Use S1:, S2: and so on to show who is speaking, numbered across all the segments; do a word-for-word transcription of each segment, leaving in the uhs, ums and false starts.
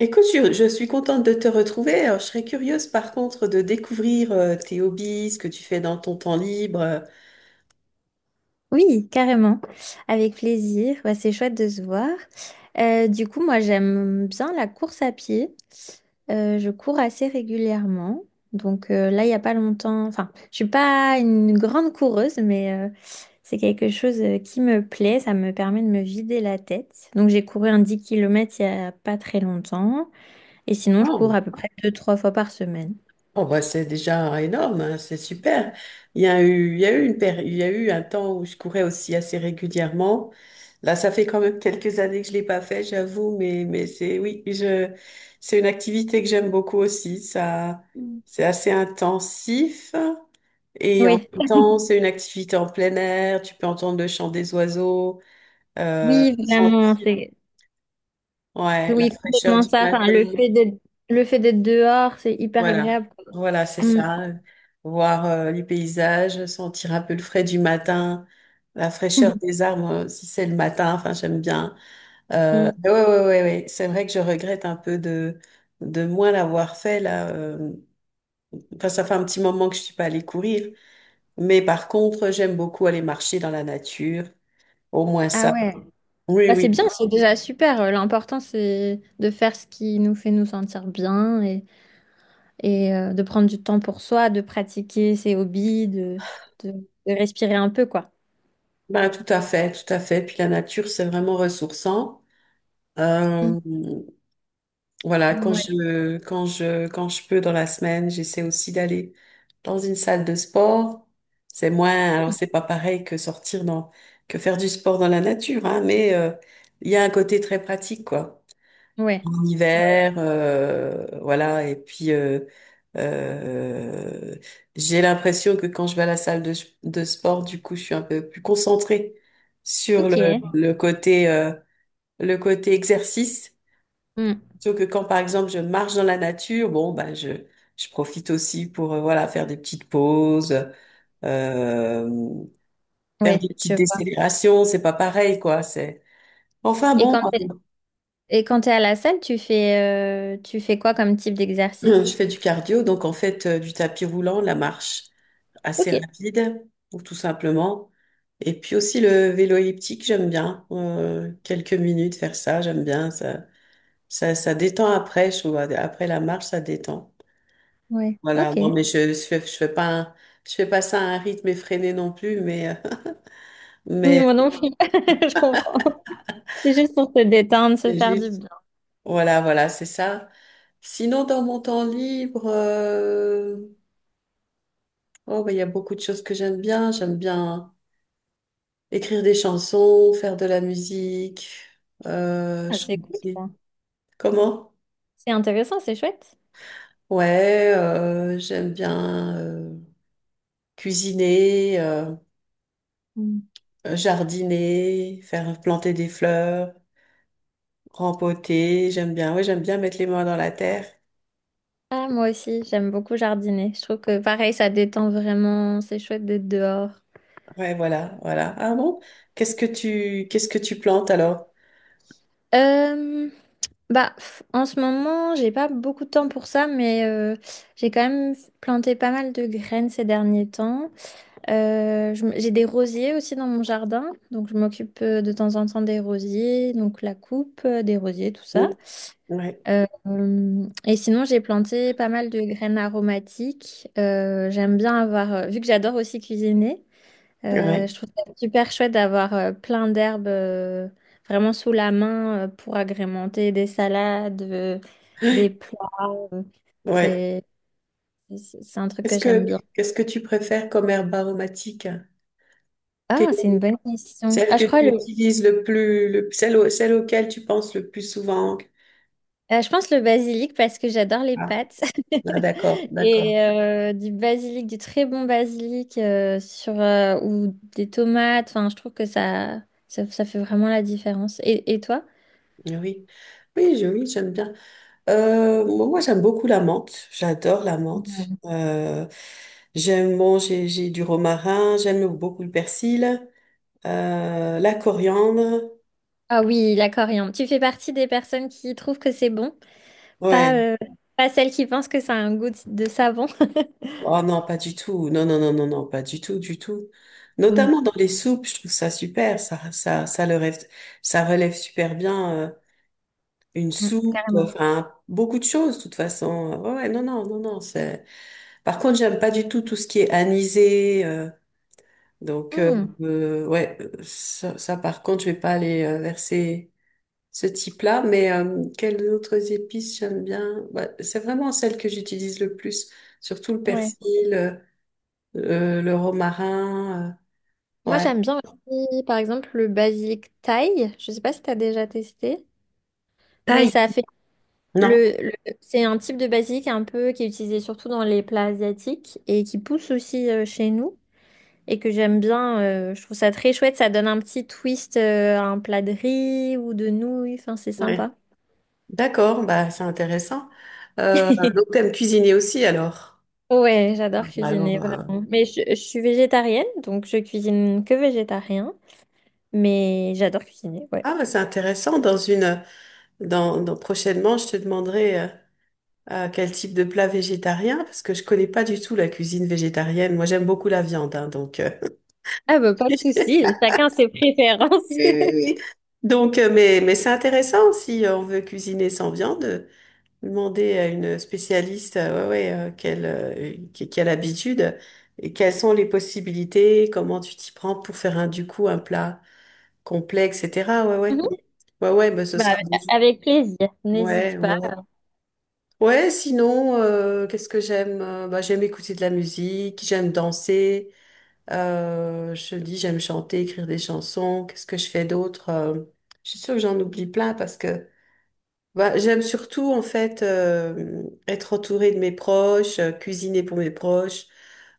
S1: Écoute, je, je suis contente de te retrouver. Alors, je serais curieuse par contre de découvrir euh, tes hobbies, ce que tu fais dans ton temps libre.
S2: Oui, carrément. Avec plaisir. Ouais, c'est chouette de se voir. Euh, du coup, moi, j'aime bien la course à pied. Euh, je cours assez régulièrement. Donc euh, là, il n'y a pas longtemps. Enfin, je suis pas une grande coureuse, mais euh, c'est quelque chose euh, qui me plaît. Ça me permet de me vider la tête. Donc j'ai couru un dix kilomètres il n'y a pas très longtemps. Et sinon, je cours
S1: Oh,
S2: à peu près deux, trois fois par semaine.
S1: oh, bah, c'est déjà énorme, hein, c'est super. Il y a eu, il y a eu une péri- Il y a eu un temps où je courais aussi assez régulièrement. Là, ça fait quand même quelques années que je l'ai pas fait, j'avoue, mais, mais c'est, oui, je, c'est une activité que j'aime beaucoup aussi. Ça,
S2: Mm.
S1: c'est assez intensif et en
S2: Oui,
S1: même temps, c'est une activité en plein air. Tu peux entendre le chant des oiseaux. Euh,
S2: oui, vraiment.
S1: sentir
S2: C'est.
S1: ouais, la
S2: Oui,
S1: fraîcheur
S2: complètement
S1: du
S2: ça. Enfin, le
S1: matin.
S2: fait d'être le fait d'être dehors, c'est hyper
S1: Voilà,
S2: agréable, quoi.
S1: voilà, c'est
S2: Mm.
S1: ça. Voir euh, les paysages, sentir un peu le frais du matin, la fraîcheur des arbres, euh, si c'est le matin, enfin, j'aime bien. Euh,
S2: Mm.
S1: mais ouais, ouais, ouais, ouais. C'est vrai que je regrette un peu de, de moins l'avoir fait, là. euh. Enfin, ça fait un petit moment que je suis pas allée courir. Mais par contre, j'aime beaucoup aller marcher dans la nature. Au moins
S2: Ah
S1: ça.
S2: ouais.
S1: Oui,
S2: Bah, c'est bien,
S1: oui.
S2: c'est déjà super. Euh, L'important, c'est de faire ce qui nous fait nous sentir bien et, et euh, de prendre du temps pour soi, de pratiquer ses hobbies, de, de, de respirer un peu, quoi.
S1: Ben, tout à fait, tout à fait. Puis la nature, c'est vraiment ressourçant.
S2: Mm.
S1: Euh, voilà, quand
S2: Ouais.
S1: je, quand je, quand je peux dans la semaine, j'essaie aussi d'aller dans une salle de sport. C'est moins, alors c'est pas pareil que sortir dans, que faire du sport dans la nature, hein, mais euh, il y a un côté très pratique, quoi.
S2: Ouais.
S1: En
S2: Ouais, ouais.
S1: hiver, euh, voilà, et puis euh, euh, j'ai l'impression que quand je vais à la salle de, de sport, du coup, je suis un peu plus concentrée sur
S2: Ok.
S1: le, le côté, euh, le côté exercice.
S2: Mm.
S1: Plutôt que quand, par exemple, je marche dans la nature, bon, ben, je, je profite aussi pour, euh, voilà, faire des petites pauses, euh, faire des
S2: Ouais, je
S1: petites
S2: vois.
S1: décélérations, c'est pas pareil, quoi, c'est... Enfin,
S2: Et
S1: bon,
S2: quand t'es, et quand t'es à la salle, tu fais, euh, tu fais quoi comme type
S1: euh, je
S2: d'exercice?
S1: fais du cardio, donc en fait, euh, du tapis roulant, la marche assez
S2: Ok.
S1: rapide, ou tout simplement. Et puis aussi le vélo elliptique, j'aime bien. Euh, quelques minutes faire ça, j'aime bien. Ça, ça, ça détend après, je trouve. Après la marche, ça détend.
S2: Ouais.
S1: Voilà,
S2: Ok.
S1: non, mais je, je, fais- je fais pas un- je fais pas ça à un rythme effréné non plus, mais, euh,
S2: Oui,
S1: mais
S2: moi non plus. Je comprends. C'est juste pour se détendre, se
S1: c'est
S2: faire du
S1: juste,
S2: bien.
S1: voilà, voilà, c'est ça. Sinon, dans mon temps libre, euh, oh, bah, il y a beaucoup de choses que j'aime bien. J'aime bien écrire des chansons, faire de la musique, euh,
S2: Ah, c'est cool,
S1: chanter.
S2: ça.
S1: Comment?
S2: C'est intéressant, c'est chouette.
S1: Ouais, euh, j'aime bien euh, cuisiner, euh,
S2: Mm.
S1: jardiner, faire planter des fleurs. Rempoter, j'aime bien. Oui, j'aime bien mettre les mains dans la terre.
S2: Ah, moi aussi, j'aime beaucoup jardiner. Je trouve que pareil, ça détend vraiment. C'est chouette d'être dehors.
S1: Ouais, voilà, voilà. Ah bon? Qu'est-ce que tu, qu'est-ce que tu plantes alors?
S2: Euh, Bah, pff, en ce moment, j'ai pas beaucoup de temps pour ça, mais euh, j'ai quand même planté pas mal de graines ces derniers temps. Euh, je m- j'ai des rosiers aussi dans mon jardin, donc je m'occupe euh, de temps en temps des rosiers, donc la coupe euh, des rosiers, tout ça.
S1: Mm. Ouais,
S2: Euh, euh, et sinon, j'ai planté pas mal de graines aromatiques. Euh, j'aime bien avoir, euh, vu que j'adore aussi cuisiner, euh,
S1: ouais,
S2: je trouve ça super chouette d'avoir euh, plein d'herbes euh, vraiment sous la main euh, pour agrémenter des salades, euh, des plats. euh,
S1: ouais.
S2: c'est, c'est c'est un truc que
S1: Qu'est-ce
S2: j'aime
S1: que,
S2: bien.
S1: qu'est-ce que tu préfères comme herbe aromatique? T'es-
S2: Ah, c'est une bonne question.
S1: Celle
S2: Ah,
S1: que
S2: je crois
S1: tu
S2: le,
S1: utilises le plus, le, celle, au- celle auquel tu penses le plus souvent.
S2: euh, je pense le basilic parce que j'adore les
S1: Ah,
S2: pâtes.
S1: ah, d'accord, d'accord.
S2: Et euh, du basilic, du très bon basilic euh, sur, euh, ou des tomates. Enfin, je trouve que ça, ça, ça fait vraiment la différence. Et, et toi?
S1: Oui, oui, je- oui, j'aime bien. Euh, moi, moi, j'aime beaucoup la menthe. J'adore la menthe.
S2: Mm.
S1: Euh, j'aime manger, j'ai j'ai du romarin. J'aime beaucoup le persil, euh, la coriandre.
S2: Ah oui, la coriandre. Tu fais partie des personnes qui trouvent que c'est bon, pas,
S1: Ouais.
S2: euh, pas celles qui pensent que ça a un goût de de savon.
S1: Oh non, pas du tout. Non, non, non, non, non, pas du tout, du tout.
S2: Mm,
S1: Notamment dans les soupes, je trouve ça super. Ça, ça, ça le rêve- ça relève super bien euh, une
S2: mm,
S1: soupe.
S2: carrément.
S1: Enfin, beaucoup de choses, de toute façon. Ouais, ouais, non, non, non, non. C'est. Par contre, j'aime pas du tout tout ce qui est anisé. euh, Donc, euh,
S2: Hmm,
S1: euh, ouais, euh, ça, ça, par contre, je vais pas aller euh, vers ces- ce type-là, mais euh, quelles autres épices j'aime bien? Bah, c'est vraiment celles que j'utilise le plus, surtout le
S2: ouais.
S1: persil, euh, euh, le romarin, euh,
S2: Moi,
S1: ouais.
S2: j'aime bien aussi, par exemple, le basilic thaï. Je sais pas si tu as déjà testé, mais
S1: Taille.
S2: ça fait.
S1: Non?
S2: Le, le- c'est un type de basilic un peu qui est utilisé surtout dans les plats asiatiques et qui pousse aussi euh, chez nous et que j'aime bien. euh, je trouve ça très chouette. Ça donne un petit twist euh, à un plat de riz ou de nouilles. Enfin, c'est
S1: Ouais.
S2: sympa.
S1: D'accord, bah, c'est intéressant. Euh, donc, t'aimes cuisiner aussi, alors?
S2: Ouais, j'adore
S1: Alors,
S2: cuisiner
S1: euh,
S2: vraiment. Mais je, je suis végétarienne, donc je cuisine que végétarien. Mais j'adore cuisiner, ouais.
S1: ah, bah, c'est intéressant. Dans une, dans, dans- prochainement, je te demanderai. euh, Euh, quel type de plat végétarien? Parce que je connais pas du tout la cuisine végétarienne. Moi, j'aime beaucoup la viande, hein, donc. euh,
S2: Ah bah pas de
S1: Oui,
S2: souci, chacun ses préférences.
S1: oui, oui. Donc, euh, mais, mais c'est intéressant si on veut cuisiner sans viande, euh, demander à une spécialiste, euh, ouais, ouais, euh, quelle, euh, qui, qui a l'habitude et quelles sont les possibilités, comment tu t'y prends pour faire un, du coup, un plat complet, et cetera. Ouais, ouais,
S2: Mhm.
S1: ouais, ouais, mais ce
S2: Bah,
S1: sera bon.
S2: avec plaisir, n'hésite
S1: Ouais, ouais,
S2: pas.
S1: ouais. Ouais, sinon, euh, qu'est-ce que j'aime? Euh, Bah, j'aime écouter de la musique, j'aime danser, euh, je te dis, j'aime chanter, écrire des chansons. Qu'est-ce que je fais d'autre? Euh, je suis sûre que j'en oublie plein parce que bah, j'aime surtout, en fait, euh, être entourée de mes proches, euh, cuisiner pour mes proches,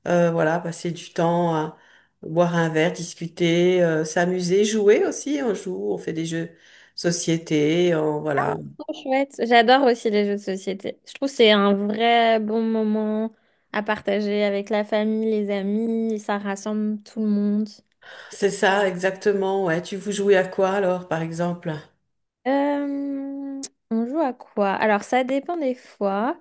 S1: euh, voilà, passer du temps à boire un verre, discuter, euh, s'amuser, jouer aussi. On joue, on fait des jeux de société, on, voilà.
S2: Trop Chouette. J'adore aussi les jeux de société. Je trouve que c'est un vrai bon moment à partager avec la famille, les amis, ça rassemble tout le monde.
S1: C'est ça, exactement. Ouais. Tu vous jouez à quoi alors, par exemple?
S2: Euh, on joue à quoi? Alors, ça dépend des fois.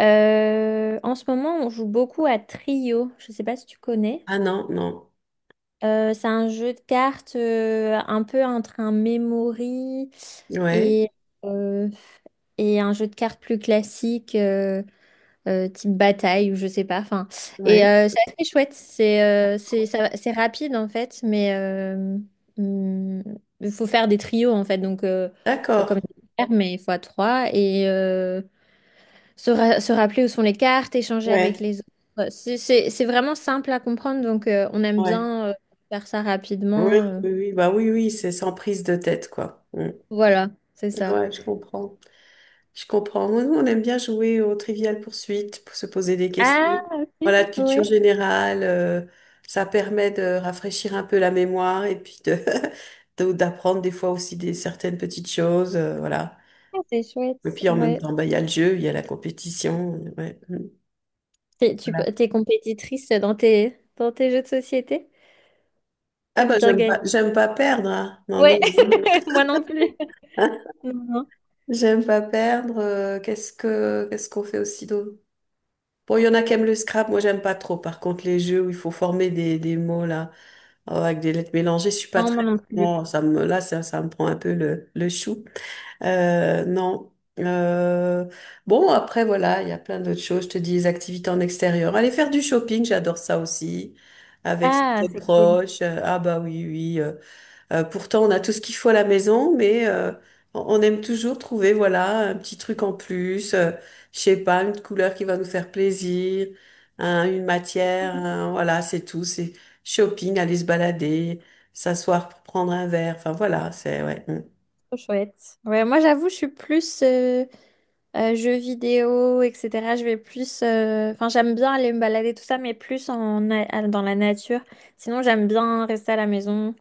S2: Euh, en ce moment, on joue beaucoup à Trio. Je ne sais pas si tu connais.
S1: Ah non, non.
S2: Euh, c'est un jeu de cartes euh, un peu entre un memory
S1: Ouais,
S2: et, euh, et un jeu de cartes plus classique. euh, euh, type bataille ou je sais pas. Enfin, et
S1: ouais.
S2: euh, c'est assez chouette. C'est euh, c'est ça va- c'est rapide en fait, mais euh, hum, il faut faire des trios en fait. Donc euh, comme
S1: D'accord.
S2: des paires, mais fois trois et euh, se, ra- se rappeler où sont les cartes, échanger avec
S1: Ouais,
S2: les autres. C'est c'est- c'est vraiment simple à comprendre, donc euh, on aime
S1: ouais.
S2: bien euh, faire ça
S1: Oui,
S2: rapidement. euh.
S1: oui, oui, bah oui, oui, c'est sans prise de tête, quoi. Mm.
S2: Voilà, c'est ça.
S1: Ouais, je comprends. Je comprends. Nous, on aime bien jouer au Trivial poursuite pour se poser des questions.
S2: Ah, ok,
S1: Voilà, de
S2: ouais.
S1: culture générale, euh, ça permet de rafraîchir un peu la mémoire et puis de, de- d'apprendre des fois aussi des certaines petites choses. Euh, voilà.
S2: Ah, c'est chouette,
S1: Et puis en même
S2: ouais.
S1: temps, bah, il y a le jeu, il y a la compétition. Ouais. Mm.
S2: T'es, tu, peux-
S1: Voilà.
S2: t'es compétitrice dans tes, dans tes, jeux de société?
S1: Ah
S2: T'aimes
S1: bah
S2: bien
S1: j'aime
S2: gagner?
S1: pas, j'aime pas perdre, hein. Non, non.
S2: Ouais, moi non plus.
S1: Hein,
S2: Non, non.
S1: j'aime pas perdre. Euh, qu'est-ce que, qu'est-ce qu'on fait aussi d'autre? Bon, il y en a qui aiment le scrap, moi j'aime pas trop. Par contre, les jeux où il faut former des, des mots là, euh, avec des lettres mélangées, je suis pas
S2: Non, moi
S1: très.
S2: non plus.
S1: Non, ça me, là, ça, ça me prend un peu le, le chou. Euh, non. Euh, bon, après, voilà, il y a plein d'autres choses. Je te dis, les activités en extérieur. Aller faire du shopping, j'adore ça aussi. Avec ses
S2: Ah, c'est cool.
S1: proches. Euh, ah bah oui, oui. Euh, euh, pourtant, on a tout ce qu'il faut à la maison, mais euh, on on aime toujours trouver, voilà, un petit truc en plus. Euh, je sais pas, une couleur qui va nous faire plaisir, hein, une matière.
S2: Mhm.
S1: Hein, voilà, c'est tout. C'est shopping, aller se balader, s'asseoir pour prendre un verre. Enfin, voilà, c'est... Ouais. Mm.
S2: Trop chouette. Ouais, moi j'avoue, je suis plus euh, euh, jeux vidéo, et cetera. Je vais plus. euh, Enfin, j'aime bien aller me balader, tout ça, mais plus en, na- à- dans la nature. Sinon, j'aime bien rester à la maison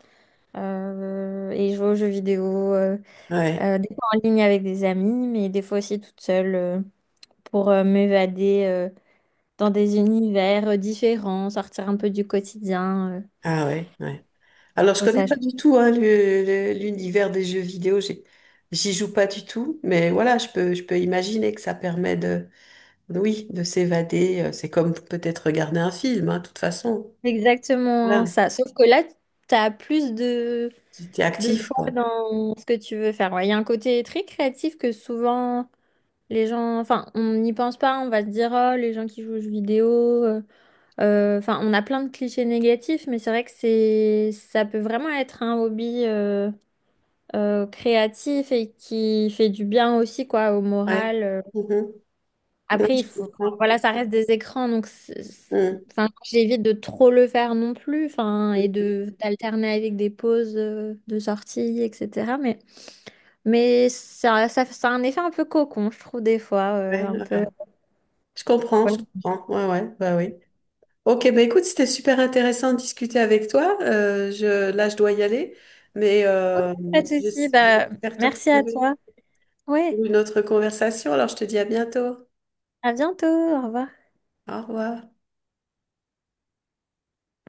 S2: euh, et jouer aux jeux vidéo. euh,
S1: Ouais.
S2: euh, des fois en ligne avec des amis, mais des fois aussi toute seule euh, pour euh, m'évader. euh, dans des univers euh, différents, sortir un peu du quotidien. euh,
S1: Ah ouais, ouais.
S2: je
S1: Alors, je
S2: trouve
S1: connais
S2: ça
S1: pas
S2: chouette.
S1: du tout hein, le- le- l'univers des jeux vidéo. J'ai- J'y joue pas du tout, mais voilà, je peux, je peux imaginer que ça permet de, oui, de s'évader. Euh, C'est comme peut-être regarder un film, hein, de toute façon.
S2: Exactement hein,
S1: Voilà,
S2: ça. Sauf que là, tu as plus de,
S1: tu t'es
S2: de
S1: actif,
S2: choix
S1: quoi.
S2: dans ce que tu veux faire. Ouais, il y a un côté très créatif que souvent les gens, enfin, on n'y pense pas, on va se dire, oh, les gens qui jouent aux jeux vidéo, euh, euh, enfin, on a plein de clichés négatifs, mais c'est vrai que c'est, ça peut vraiment être un hobby euh, euh, créatif et qui fait du bien aussi, quoi, au
S1: Ouais.
S2: moral. euh,
S1: Mhm. Ouais,
S2: Après, il
S1: je
S2: faut, enfin,
S1: comprends.
S2: voilà, ça reste des écrans, donc c'est- c'est-
S1: Mhm.
S2: enfin, j'évite de trop le faire non plus, enfin, et
S1: Mhm.
S2: de d'alterner avec des pauses euh, de sortie, et cetera. Mais, mais ça, ça, ça a un effet un peu cocon, je trouve, des fois, euh,
S1: Ouais,
S2: un peu.
S1: voilà. Je comprends, je
S2: Ouais.
S1: comprends. Ouais, ouais, bah oui. Ok, bah écoute, c'était super intéressant de discuter avec toi. Euh, je, là, je dois y aller, mais euh,
S2: Pas de
S1: je-
S2: souci, bah,
S1: j'espère te
S2: merci à
S1: retrouver
S2: toi. Ouais,
S1: pour une autre conversation. Alors, je te dis à bientôt.
S2: à bientôt, au revoir.
S1: Au revoir.